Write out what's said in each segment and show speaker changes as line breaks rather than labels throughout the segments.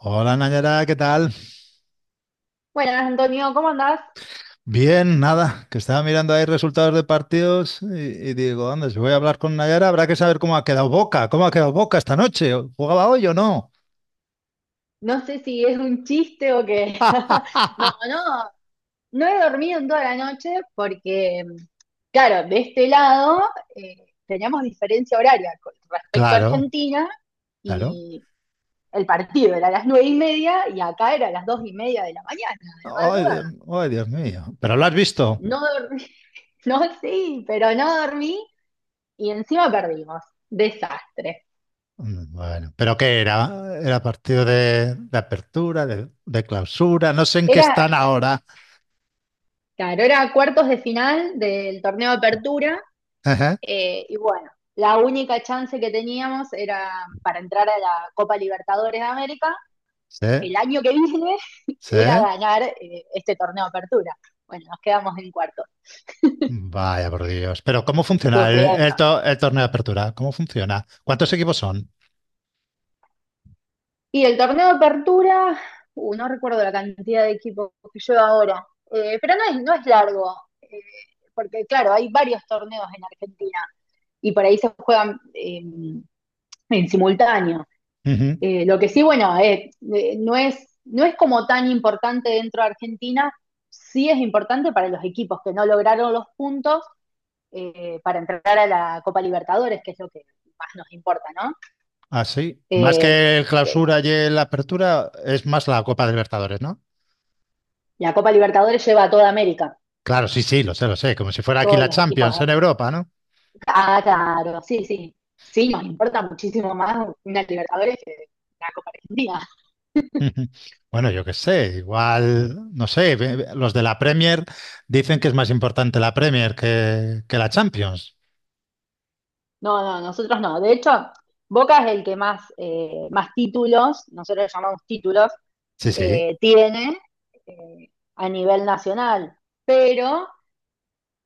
Hola Nayara, ¿qué tal?
Bueno, Antonio, ¿cómo andás?
Bien, nada, que estaba mirando ahí resultados de partidos y digo, anda, si voy a hablar con Nayara, habrá que saber cómo ha quedado Boca, cómo ha quedado Boca esta noche, ¿jugaba hoy o no?
No sé si es un chiste o qué. No, no, no he dormido en toda la noche porque, claro, de este lado eh, teníamos diferencia horaria con respecto a
Claro,
Argentina
claro.
y el partido era a las 9:30 y acá era a las 2:30 de la mañana, de la
Ay, Dios,
madrugada.
ay, Dios mío, ¿pero lo has visto?
No dormí, no, sí, pero no dormí y encima perdimos. Desastre.
Mm. Bueno, ¿pero qué era? Era partido de apertura, de clausura, no sé en qué
Era,
están ahora.
claro, era cuartos de final del torneo de apertura. Y bueno, la única chance que teníamos era para entrar a la Copa Libertadores de América.
Sí,
El año que viene
sí.
era ganar este torneo de apertura. Bueno, nos quedamos en cuarto,
Vaya por Dios. Pero ¿cómo funciona el,
sufriendo.
el to- el torneo de apertura? ¿Cómo funciona? ¿Cuántos equipos son?
Y el torneo de apertura, no recuerdo la cantidad de equipos que lleva ahora, pero no es largo, eh, porque claro, hay varios torneos en Argentina y por ahí se juegan en simultáneo.
Ujú.
Lo que sí, bueno, no es como tan importante dentro de Argentina, sí es importante para los equipos que no lograron los puntos para entrar a la Copa Libertadores, que es lo que más nos importa, ¿no?
Ah, sí. Más
Eh,
que el
eh,
clausura y el apertura, es más la Copa de Libertadores, ¿no?
la Copa Libertadores lleva a toda América,
Claro, sí, sí, lo sé, lo sé. Como si fuera aquí
todos
la
los equipos
Champions
de
en
América.
Europa, ¿no?
Ah, claro, sí, sí. Sí, nos importa muchísimo más una Libertadores que una Copa Argentina.
Ujú. Bueno, yo qué sé, igual, no sé, los de la Premier dicen que es más importante la Premier que la Champions.
No, no, nosotros no. De hecho, Boca es el que más, más títulos, nosotros llamamos títulos,
Sí, sí.
tiene eh, a nivel nacional. Pero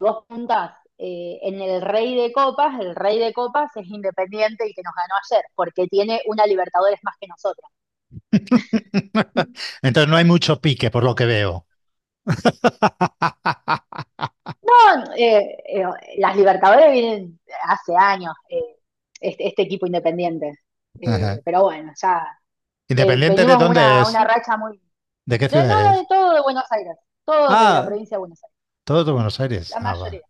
vos juntás en el Rey de Copas, el Rey de Copas es Independiente y que nos ganó ayer, porque tiene una Libertadores más que nosotros.
Entonces no hay mucho pique, por lo que veo.
Son, las Libertadores vienen hace años, este equipo Independiente.
Ajá.
Pero bueno, ya
Independiente de
venimos
dónde es,
una racha muy...
de qué
De,
ciudad
no, de
es.
todo de Buenos Aires, todos de la
Ah,
provincia de Buenos Aires,
todo de Buenos Aires.
la
Ah,
mayoría.
va,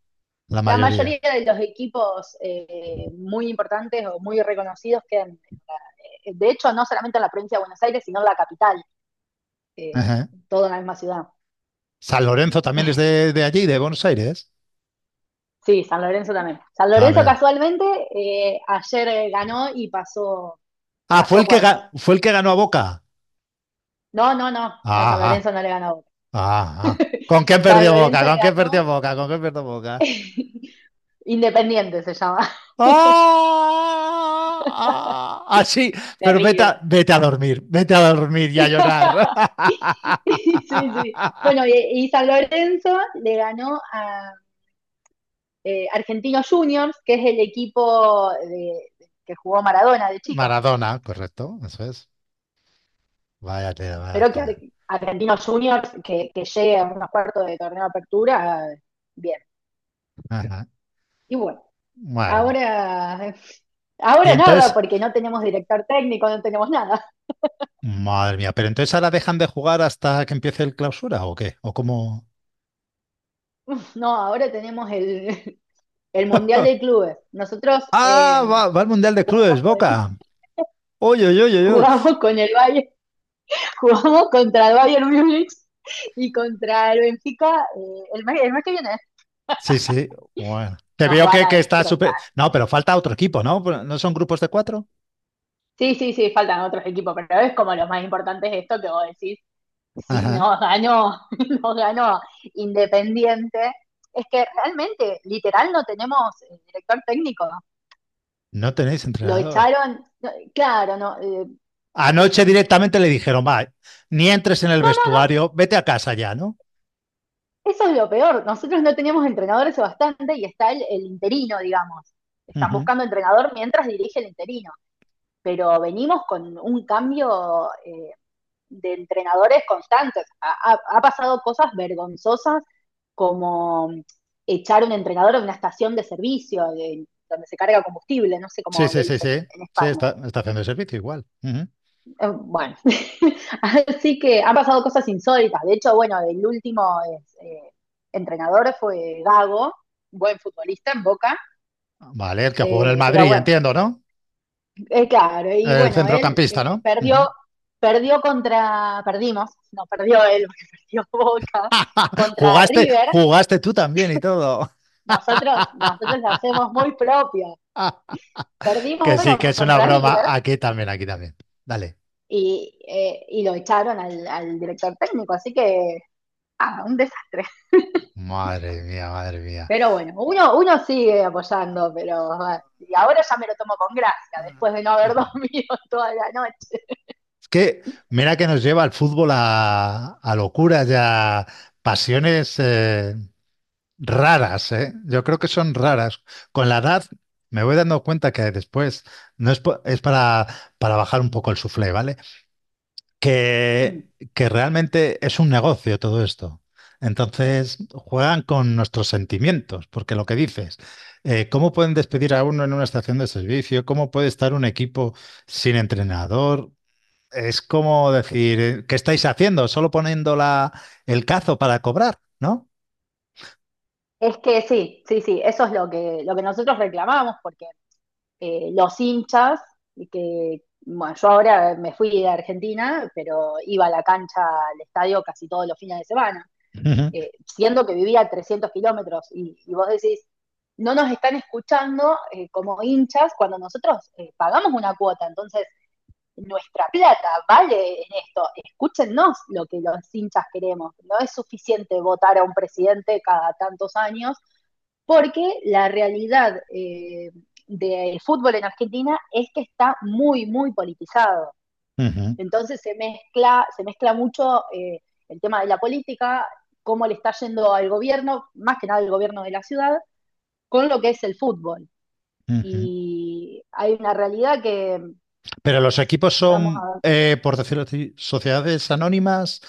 la
La
mayoría.
mayoría de los equipos muy importantes o muy reconocidos quedan, de hecho, no solamente en la provincia de Buenos Aires, sino en la capital, eh,
Ajá.
todo en la misma ciudad.
San Lorenzo también es de allí, de Buenos Aires.
Sí, San Lorenzo también. San Lorenzo
También.
casualmente ayer ganó y pasó,
Ah, fue
pasó a
el que,
cuartos.
fue el que ganó a Boca.
No, no, no, no,
Ah,
San
ah,
Lorenzo no le ganó a Boca.
ah, ah. ¿Con quién
San
perdió Boca?
Lorenzo le
¿Con quién perdió
ganó
Boca? ¿Con quién perdió Boca?
Independiente se llama.
¡Ah! Ah, ah, sí, pero vete a,
Terrible.
vete a dormir y a llorar.
Sí, sí. Bueno, y San Lorenzo le ganó a Argentinos Juniors, que es el equipo de, que jugó Maradona de chico.
Maradona, correcto, eso es. Vaya tela, vaya
Pero que Ar
tela.
Argentinos Juniors, que llegue a unos cuartos de torneo de apertura, bien.
Ajá.
Y bueno,
Bueno.
ahora,
Y
ahora nada,
entonces,
porque no tenemos director técnico, no tenemos nada.
madre mía, ¿pero entonces ahora dejan de jugar hasta que empiece el clausura o qué? ¿O cómo?
No, ahora tenemos el Mundial de Clubes. Nosotros
Ah, va, va al Mundial de Clubes,
jugamos, con,
Boca. Uy, uy, uy, uy, uy.
jugamos con el Bayern, jugamos contra el Bayern Munich y contra el Benfica el mes que viene.
Sí, sí. Bueno. Te
Nos
veo
van a
que está súper.
destrozar.
No, pero falta otro equipo, ¿no? ¿No son grupos de cuatro?
Sí, sí, sí, faltan otros equipos, pero es como los más importantes de esto que vos decís, si
Ajá.
no ganó, no ganó Independiente, es que realmente, literal, no tenemos director técnico.
No tenéis
Lo
entrenador.
echaron, no, claro, no, no, no,
Anoche directamente le dijeron, va, ni entres en el
no,
vestuario, vete a casa ya, ¿no?
eso es lo peor. Nosotros no tenemos entrenadores hace bastante y está el interino, digamos. Están
Ujú.
buscando entrenador mientras dirige el interino, pero venimos con un cambio de entrenadores constantes. Ha pasado cosas vergonzosas como echar un entrenador de una estación de servicio de- donde se carga combustible, no sé
Sí,
cómo le
sí, sí,
dicen
sí.
en
Sí,
España.
está, está haciendo el servicio igual. Ujú.
Bueno, así que han pasado cosas insólitas. De hecho, bueno, el último es, entrenador fue Gago, buen futbolista en Boca,
Vale, el que jugó en el
pero
Madrid,
bueno.
entiendo, ¿no?
Claro, y
El
bueno, él
centrocampista, ¿no? Ujú.
perdió, perdió contra, perdimos, no, perdió él, porque perdió Boca, contra
Jugaste,
River.
jugaste tú también y todo.
Nosotros lo hacemos muy propio. Perdimos,
Que sí,
bueno,
que es una
contra
broma.
River
Aquí también, aquí también. Dale.
y lo echaron al, al director técnico, así que, ah, un desastre.
Madre mía, madre mía.
Pero bueno, uno, uno sigue apoyando, pero ah, y ahora ya me lo tomo con gracia, después de no haber dormido toda la noche.
Es que mira que nos lleva el fútbol a locuras y a pasiones raras, ¿eh? Yo creo que son raras. Con la edad me voy dando cuenta que después no es, es para bajar un poco el suflé, ¿vale?
Mm.
que, que realmente es un negocio todo esto. Entonces juegan con nuestros sentimientos, porque lo que dices, ¿cómo pueden despedir a uno en una estación de servicio? ¿Cómo puede estar un equipo sin entrenador? Es como decir, ¿qué estáis haciendo? ¿Solo poniendo la, el cazo para cobrar? ¿No?
Es que sí, sí, sí, eso es lo que nosotros reclamamos, porque los hinchas, que bueno, yo ahora me fui de Argentina, pero iba a la cancha, al estadio casi todos los fines de semana,
Ujú,
siendo que vivía a 300 kilómetros y, vos decís, no nos están escuchando como hinchas cuando nosotros pagamos una cuota, entonces nuestra plata vale en esto, escúchennos lo que los hinchas queremos, no es suficiente votar a un presidente cada tantos años porque la realidad del fútbol en Argentina es que está muy, muy politizado.
ujú,
Entonces se mezcla mucho el tema de la política, cómo le está yendo al gobierno, más que nada al gobierno de la ciudad, con lo que es el fútbol.
ujú.
Y hay una realidad que,
Pero los equipos
vamos
son,
a ver,
por decirlo así, sociedades anónimas.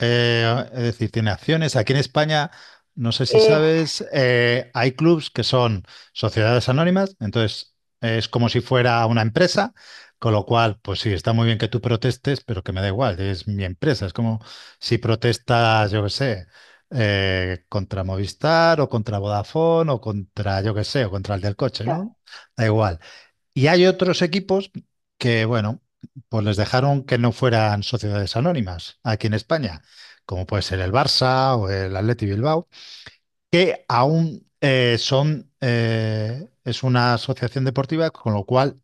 Es decir, tiene acciones. Aquí en España, no sé si
eh,
sabes, hay clubs que son sociedades anónimas, entonces es como si fuera una empresa, con lo cual, pues sí, está muy bien que tú protestes, pero que me da igual, es mi empresa. Es como si protestas, yo qué sé, contra Movistar o contra Vodafone o contra, yo qué sé, o contra el del coche, ¿no?
claro.
Da igual. Y hay otros equipos que, bueno, pues les dejaron que no fueran sociedades anónimas aquí en España, como puede ser el Barça o el Athletic Bilbao, que aún son, es una asociación deportiva, con lo cual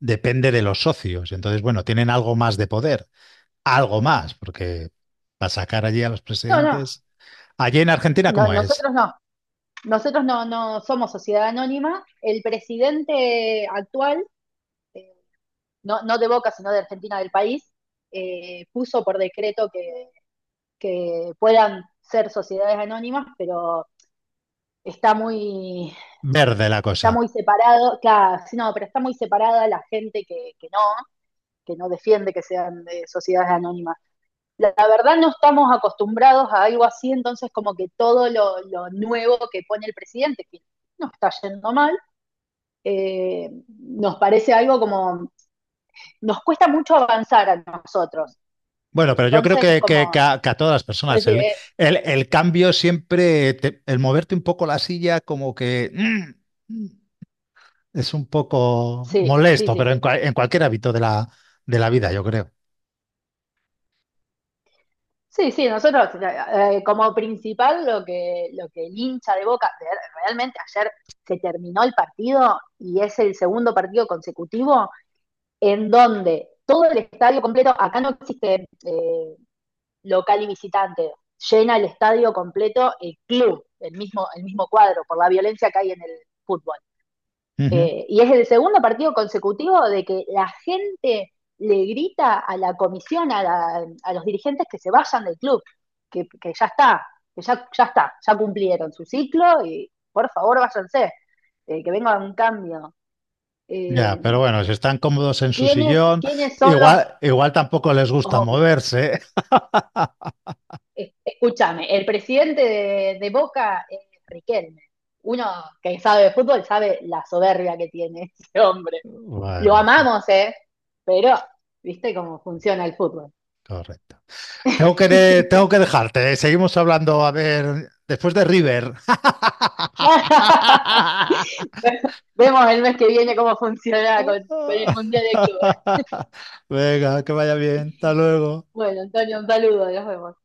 depende de los socios. Entonces, bueno, tienen algo más de poder, algo más, porque para sacar allí a los
No, no,
presidentes. Allí en Argentina,
no,
¿cómo es?
nosotros no, nosotros no, no somos sociedad anónima, el presidente actual eh, no, no de Boca, sino de Argentina del país, puso por decreto que puedan ser sociedades anónimas, pero está muy,
Verde la
está
cosa.
muy separado, claro, sí, no, pero está muy separada la gente que no defiende que sean de sociedades anónimas. La, verdad no estamos acostumbrados a algo así, entonces como que todo lo nuevo que pone el presidente, que nos está yendo mal, nos parece algo como, nos cuesta mucho avanzar a nosotros.
Bueno, pero yo creo
Entonces,
que,
como,
que a todas las
pues,
personas, el, el cambio siempre, el moverte un poco la silla, como que mm, mm, es un poco
sí, sí,
molesto, pero
sí.
en, en cualquier hábito de la vida, yo creo.
Sí, sí, nosotros como principal lo que el hincha de Boca, de- realmente ayer se terminó el partido y es el segundo partido consecutivo en donde todo el estadio completo, acá no existe local y visitante, llena el estadio completo el club, el mismo cuadro, por la violencia que hay en el fútbol.
Ujú.
Y es el segundo partido consecutivo de que la gente le grita a la comisión, a, la- a los dirigentes que se vayan del club, que ya está, que ya, ya está, ya cumplieron su ciclo y por favor váyanse, que venga un cambio. Eh,
Ya, pero bueno, si están cómodos en su
¿Quiénes,
sillón,
quiénes son los
igual, igual tampoco les gusta
obvios?
moverse.
Es- Escúchame, el presidente de Boca es Riquelme. Uno que sabe de fútbol sabe la soberbia que tiene ese hombre. Lo
Bueno, en fin,
amamos, ¿eh? Pero, ¿viste cómo funciona el fútbol?
correcto. Tengo que, tengo que dejarte, ¿eh? Seguimos hablando, a ver, después de River.
Vemos el mes que viene cómo funciona con el Mundial de Clubes.
Venga, que vaya bien. Hasta luego.
Bueno, Antonio, un saludo, nos vemos.